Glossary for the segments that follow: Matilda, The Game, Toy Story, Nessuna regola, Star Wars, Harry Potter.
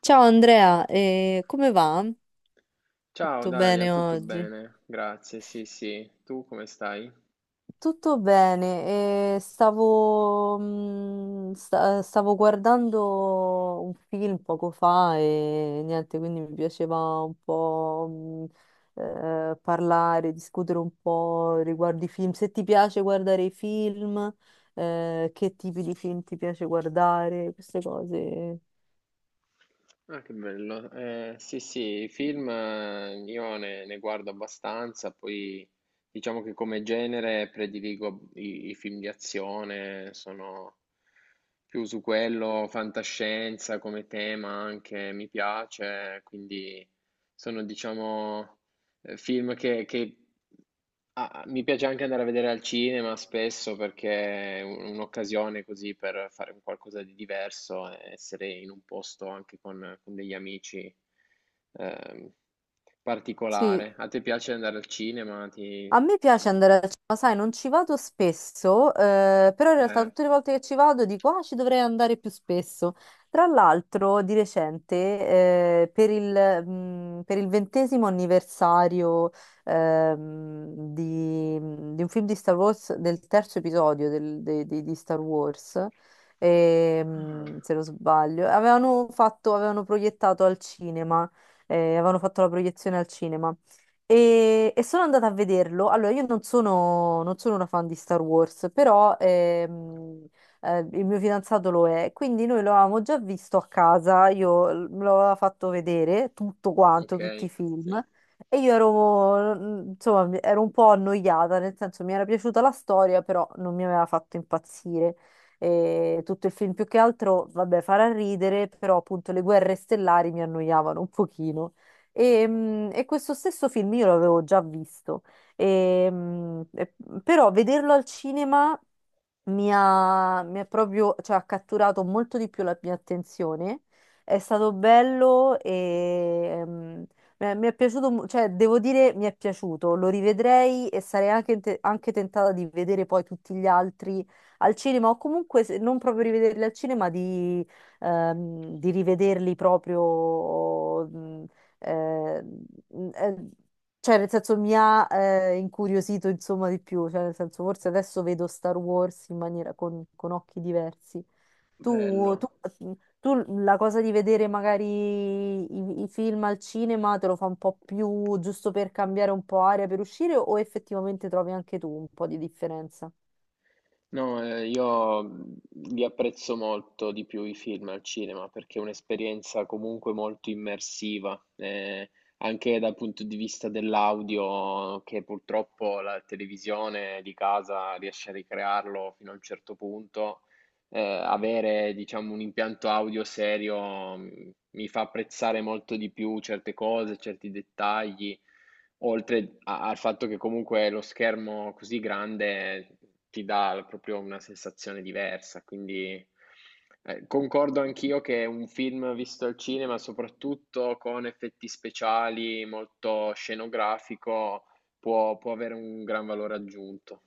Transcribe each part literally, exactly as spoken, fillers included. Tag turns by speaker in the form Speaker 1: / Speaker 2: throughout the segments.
Speaker 1: Ciao Andrea, eh, come va?
Speaker 2: Ciao
Speaker 1: Tutto
Speaker 2: Dalia,
Speaker 1: bene
Speaker 2: tutto
Speaker 1: oggi?
Speaker 2: bene? Grazie, sì sì. Tu come stai?
Speaker 1: Tutto bene, e stavo, mm, sta- stavo guardando un film poco fa e niente, quindi mi piaceva un po' mm, eh, parlare, discutere un po' riguardo i film. Se ti piace guardare i film, eh, che tipi di film ti piace guardare, queste cose.
Speaker 2: Ah, che bello. Eh, sì sì, i film eh, io ne, ne guardo abbastanza, poi diciamo che come genere prediligo i, i film di azione, sono più su quello, fantascienza come tema anche mi piace, quindi sono diciamo eh, film che, che Ah, mi piace anche andare a vedere al cinema spesso perché è un- un'occasione così per fare un qualcosa di diverso, e essere in un posto anche con, con degli amici ehm,
Speaker 1: Sì.
Speaker 2: particolare. A te piace andare al cinema? Ti...
Speaker 1: A me
Speaker 2: ci-
Speaker 1: piace andare al cinema, sai, non ci vado spesso, eh, però in realtà
Speaker 2: eh.
Speaker 1: tutte le volte che ci vado dico, ah, ci dovrei andare più spesso. Tra l'altro, di recente, eh, per il, mh, per il ventesimo anniversario, ehm, di, di un film di Star Wars, del terzo episodio del- de- de- di Star Wars,
Speaker 2: Ah,
Speaker 1: ehm, se non sbaglio, avevano fatto, avevano proiettato al cinema, eh, avevano fatto la proiezione al cinema. E, e sono andata a vederlo. Allora, io non sono, non sono una fan di Star Wars, però ehm, eh, il mio fidanzato lo è, quindi noi lo avevamo già visto a casa, io l- me l'aveva fatto vedere tutto quanto, tutti
Speaker 2: ok,
Speaker 1: i film,
Speaker 2: sì,
Speaker 1: e io ero, mm, insomma, mi- ero un po' annoiata, nel senso mi era piaciuta la storia, però non mi aveva fatto impazzire. E tutto il film più che altro, vabbè, farà ridere, però appunto le guerre stellari mi annoiavano un pochino. E, mm, e questo stesso film io l'avevo già visto, E, mm, e- però vederlo al cinema mi ha, mi ha proprio, cioè, ha catturato molto di più la mia attenzione. È stato bello e mm, mi è, mi è piaciuto, mo- cioè, devo dire, mi è piaciuto. Lo rivedrei e sarei anche, te- anche tentata di vedere poi tutti gli altri al cinema, o comunque se non proprio rivederli al cinema, di, ehm, di rivederli proprio. mm, eh, eh, cioè nel senso mi ha eh, incuriosito insomma di più, cioè nel senso forse adesso vedo Star Wars in maniera con, con occhi diversi.
Speaker 2: bello.
Speaker 1: Tu, tu- tu la cosa di vedere magari i, i film al cinema te lo fa un po' più giusto per cambiare un po' aria per uscire o effettivamente trovi anche tu un po' di differenza?
Speaker 2: No, eh, io mh, li apprezzo molto di più i film al cinema perché è un'esperienza comunque molto immersiva, eh, anche dal punto di vista dell'audio, che purtroppo la televisione di casa riesce a ricrearlo fino a un certo punto, eh, avere, diciamo, un impianto audio serio mh, mi fa apprezzare molto di più certe cose, certi dettagli, oltre a- al fatto che comunque lo schermo così grande ti dà proprio una sensazione diversa. Quindi eh, concordo anch'io che un film visto al cinema, soprattutto con effetti speciali, molto scenografico, può può avere un gran valore aggiunto.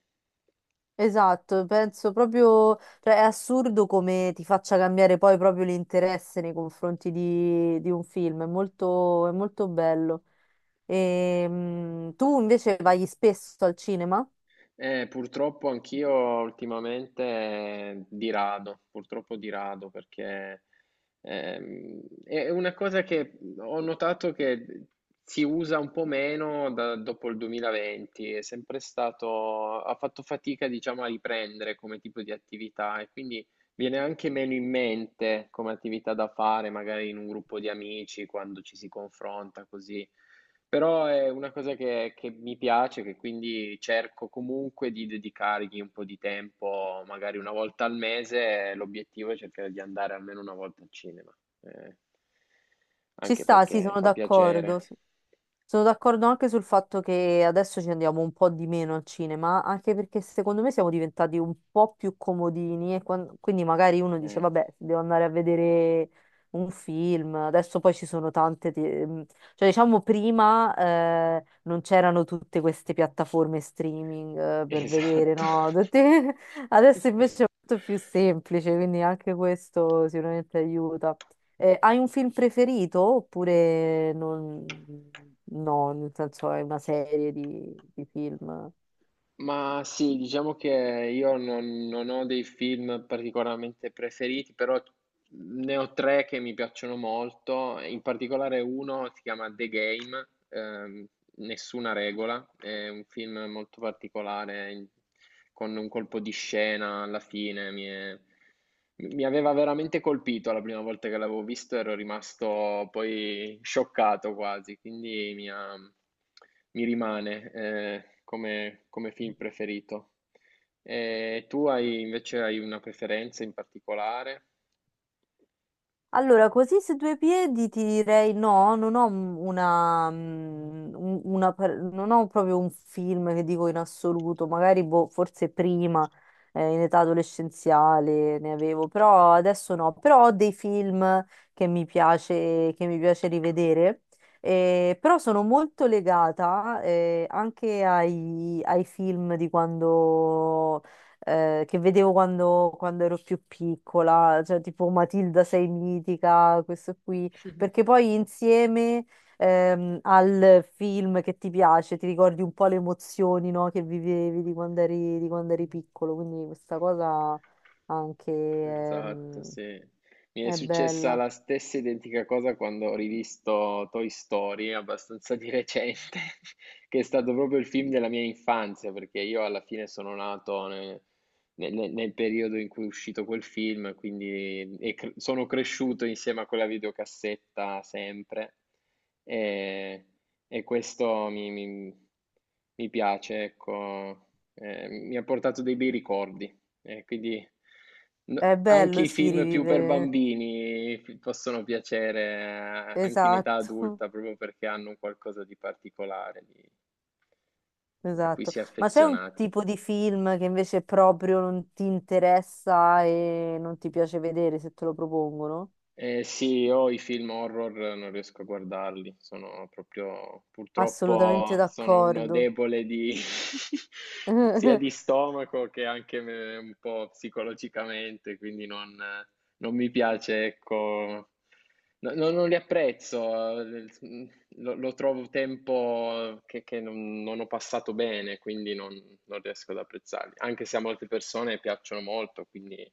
Speaker 1: Esatto, penso proprio, cioè è assurdo come ti faccia cambiare poi proprio l'interesse nei confronti di, di un film, è molto, è molto bello. E tu invece vai spesso al cinema?
Speaker 2: Eh, purtroppo anch'io ultimamente eh, di rado, purtroppo di rado, perché ehm, è una cosa che ho notato che si usa un po' meno da- dopo il duemilaventi, è sempre stato, ha fatto fatica, diciamo, a riprendere come tipo di attività e quindi viene anche meno in mente come attività da fare, magari in un gruppo di amici, quando ci si confronta così. Però è una cosa che, che mi piace, che quindi cerco comunque di dedicargli un po' di tempo, magari una volta al mese, l'obiettivo è cercare di andare almeno una volta al cinema, eh,
Speaker 1: Ci
Speaker 2: anche
Speaker 1: sta, sì,
Speaker 2: perché
Speaker 1: sono
Speaker 2: fa piacere.
Speaker 1: d'accordo. S- Sono d'accordo anche sul fatto che adesso ci andiamo un po' di meno al cinema, anche perché secondo me siamo diventati un po' più comodini e quan- quindi magari uno dice,
Speaker 2: Eh,
Speaker 1: vabbè, devo andare a vedere un film, adesso poi ci sono tante, te- mh, cioè diciamo prima eh, non c'erano tutte queste piattaforme streaming eh, per vedere,
Speaker 2: esatto.
Speaker 1: no? Tutte- Adesso invece è molto più semplice, quindi anche questo sicuramente aiuta. Eh, hai un film preferito oppure non... no, nel senso è una serie di, di film?
Speaker 2: Ma sì, diciamo che io non, non ho dei film particolarmente preferiti, però ne ho tre che mi piacciono molto, in particolare uno si chiama The Game, ehm, Nessuna regola, è un film molto particolare, in- con un colpo di scena alla fine, mi è- mi aveva veramente colpito la prima volta che l'avevo visto, ero rimasto poi scioccato quasi, quindi mi ha... Mi rimane, ehm, come come film preferito. E tu hai invece hai una preferenza in particolare?
Speaker 1: Allora, così su due piedi ti direi no, non ho m- una, mm, un- una par- non ho proprio un film che dico in assoluto, magari boh, forse prima, eh, in età adolescenziale ne avevo, però adesso no, però ho dei film che mi piace, che mi piace rivedere, eh, però sono molto legata, eh, anche ai, ai film di quando eh, che vedevo quando, quando ero più piccola, cioè tipo Matilda sei mitica, questo qui, perché poi insieme ehm, al film che ti piace ti ricordi un po' le emozioni, no, che vivevi di quando eri, di quando eri piccolo, quindi questa cosa anche
Speaker 2: Esatto,
Speaker 1: ehm,
Speaker 2: sì. Mi è
Speaker 1: è
Speaker 2: successa
Speaker 1: bella.
Speaker 2: la stessa identica cosa quando ho rivisto Toy Story, abbastanza di recente, che è stato proprio il film della mia infanzia, perché io alla fine sono nato ne- nel, nel- nel periodo in cui è uscito quel film, quindi e cre- sono cresciuto insieme a quella videocassetta sempre, e, e questo mi, mi- mi piace, ecco. Eh, mi ha portato dei bei ricordi. Eh, quindi no-
Speaker 1: È
Speaker 2: anche
Speaker 1: bello,
Speaker 2: i
Speaker 1: sì,
Speaker 2: film più per
Speaker 1: rivivere.
Speaker 2: bambini fi- possono piacere eh, anche in età
Speaker 1: Esatto.
Speaker 2: adulta, proprio perché hanno un qualcosa di particolare, di- a cui
Speaker 1: Esatto,
Speaker 2: si è
Speaker 1: ma c'è un
Speaker 2: affezionati.
Speaker 1: tipo di film che invece proprio non ti interessa e non ti piace vedere se te lo propongono?
Speaker 2: Eh sì, io i film horror non riesco a guardarli, sono proprio,
Speaker 1: Assolutamente
Speaker 2: purtroppo sono uno
Speaker 1: d'accordo.
Speaker 2: debole di, sia di stomaco che anche me- un po' psicologicamente, quindi non, non mi piace, ecco, no- no- non li apprezzo, eh, lo, lo trovo tempo che, che non, non ho passato bene, quindi non, non riesco ad apprezzarli, anche se a molte persone piacciono molto, quindi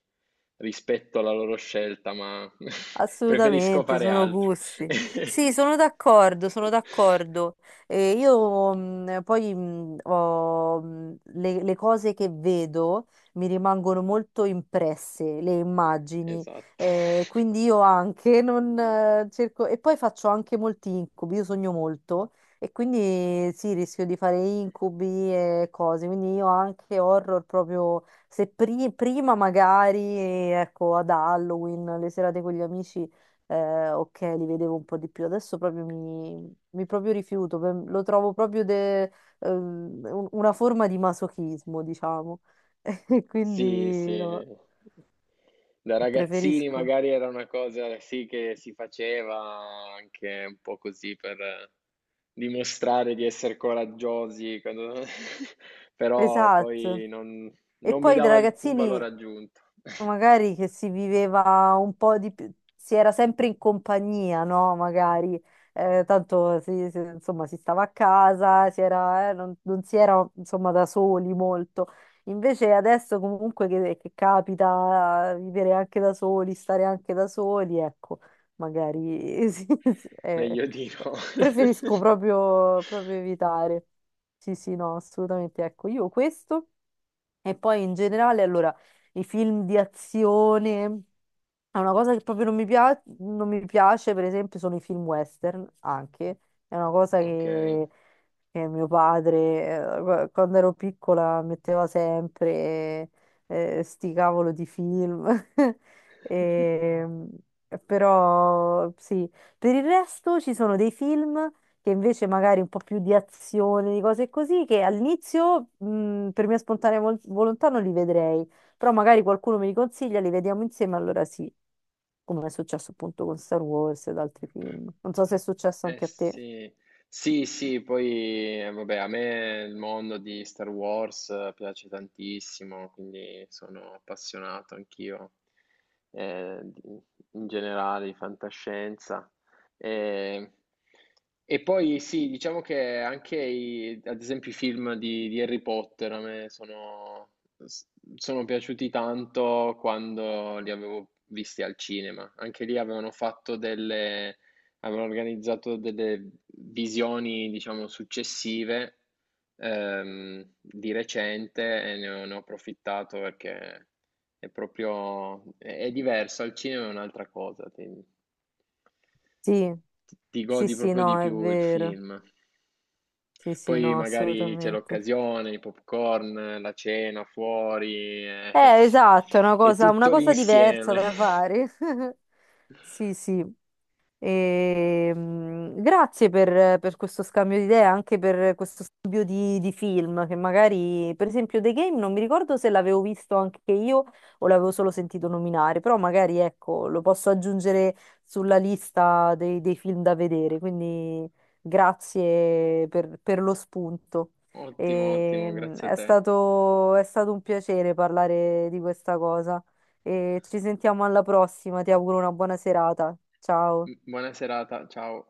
Speaker 2: rispetto alla loro scelta, ma preferisco
Speaker 1: Assolutamente,
Speaker 2: fare
Speaker 1: sono
Speaker 2: altro.
Speaker 1: gusti. Sì, sono d'accordo, sono d'accordo. E io mh, poi mh, ho, mh, le, le cose che vedo mi rimangono molto impresse, le immagini.
Speaker 2: Esatto.
Speaker 1: Eh, quindi io anche non eh, cerco... E poi faccio anche molti incubi, io sogno molto e quindi sì, rischio di fare incubi e cose. Quindi io anche horror proprio se pri- prima magari, ecco, ad Halloween, le serate con gli amici, eh, ok, li vedevo un po' di più. Adesso proprio mi, mi proprio rifiuto, per- lo trovo proprio de- ehm, un- una forma di masochismo, diciamo. E
Speaker 2: Sì, sì.
Speaker 1: quindi no,
Speaker 2: Da ragazzini
Speaker 1: preferisco.
Speaker 2: magari era una cosa sì che si faceva anche un po' così per dimostrare di essere coraggiosi, quando- però
Speaker 1: Esatto.
Speaker 2: poi non,
Speaker 1: E
Speaker 2: non mi
Speaker 1: poi da
Speaker 2: dava alcun valore
Speaker 1: ragazzini
Speaker 2: aggiunto.
Speaker 1: magari che si viveva un po' di più, si era sempre in compagnia, no? Magari, eh, tanto si, si- insomma, si stava a casa, si era, eh, non, non si era, insomma, da soli molto. Invece adesso comunque che, che capita eh, vivere anche da soli, stare anche da soli, ecco, magari sì, sì, eh,
Speaker 2: Meglio di
Speaker 1: eh,
Speaker 2: no.
Speaker 1: preferisco proprio, proprio evitare. Sì, sì, no, assolutamente. Ecco, io questo. E poi in generale, allora, i film di azione. È una cosa che proprio non mi piace, non mi piace, per esempio, sono i film western anche. È una cosa
Speaker 2: Okay.
Speaker 1: che, che mio padre, eh, qu- quando ero piccola, metteva sempre eh, sti cavolo di film. E, però sì, per il resto ci sono dei film che invece magari un po' più di azione, di cose così, che all'inizio mh, per mia spontanea vol- volontà non li vedrei però magari qualcuno me li consiglia, li vediamo insieme, allora sì, come è successo appunto con Star Wars ed altri film. Non so se è successo
Speaker 2: Eh
Speaker 1: anche a te.
Speaker 2: sì, sì, sì, poi eh, vabbè, a me il mondo di Star Wars eh, piace tantissimo, quindi sono appassionato anch'io eh, di- in generale di fantascienza. E, e poi sì, diciamo che anche i- ad esempio i film di, di Harry Potter a me sono, s- sono piaciuti tanto quando li avevo visti al cinema. Anche lì avevano fatto delle avevano organizzato delle visioni, diciamo, successive ehm, di recente e ne ho, ne ho approfittato perché è proprio, è, è diverso, al cinema è un'altra cosa, ti,
Speaker 1: Sì,
Speaker 2: ti- ti
Speaker 1: sì,
Speaker 2: godi
Speaker 1: sì,
Speaker 2: proprio di
Speaker 1: no, è
Speaker 2: più il
Speaker 1: vero.
Speaker 2: film.
Speaker 1: Sì, sì,
Speaker 2: Poi
Speaker 1: no,
Speaker 2: magari c'è
Speaker 1: assolutamente.
Speaker 2: l'occasione, i popcorn, la cena fuori, eh,
Speaker 1: Eh, esatto, è una
Speaker 2: è
Speaker 1: cosa, una
Speaker 2: tutto
Speaker 1: cosa diversa
Speaker 2: l'insieme.
Speaker 1: da fare. Sì, sì. E, mm, grazie per, per questo scambio di idee, anche per questo scambio di, di film, che magari, per esempio, The Game non mi ricordo se l'avevo visto anche io o l'avevo solo sentito nominare, però magari ecco, lo posso aggiungere sulla lista dei, dei film da vedere, quindi grazie per, per lo spunto.
Speaker 2: Ottimo,
Speaker 1: E,
Speaker 2: ottimo,
Speaker 1: mm,
Speaker 2: grazie a
Speaker 1: è
Speaker 2: te.
Speaker 1: stato, è stato un piacere parlare di questa cosa e ci sentiamo alla prossima, ti auguro una buona serata. Ciao.
Speaker 2: Buona serata, ciao.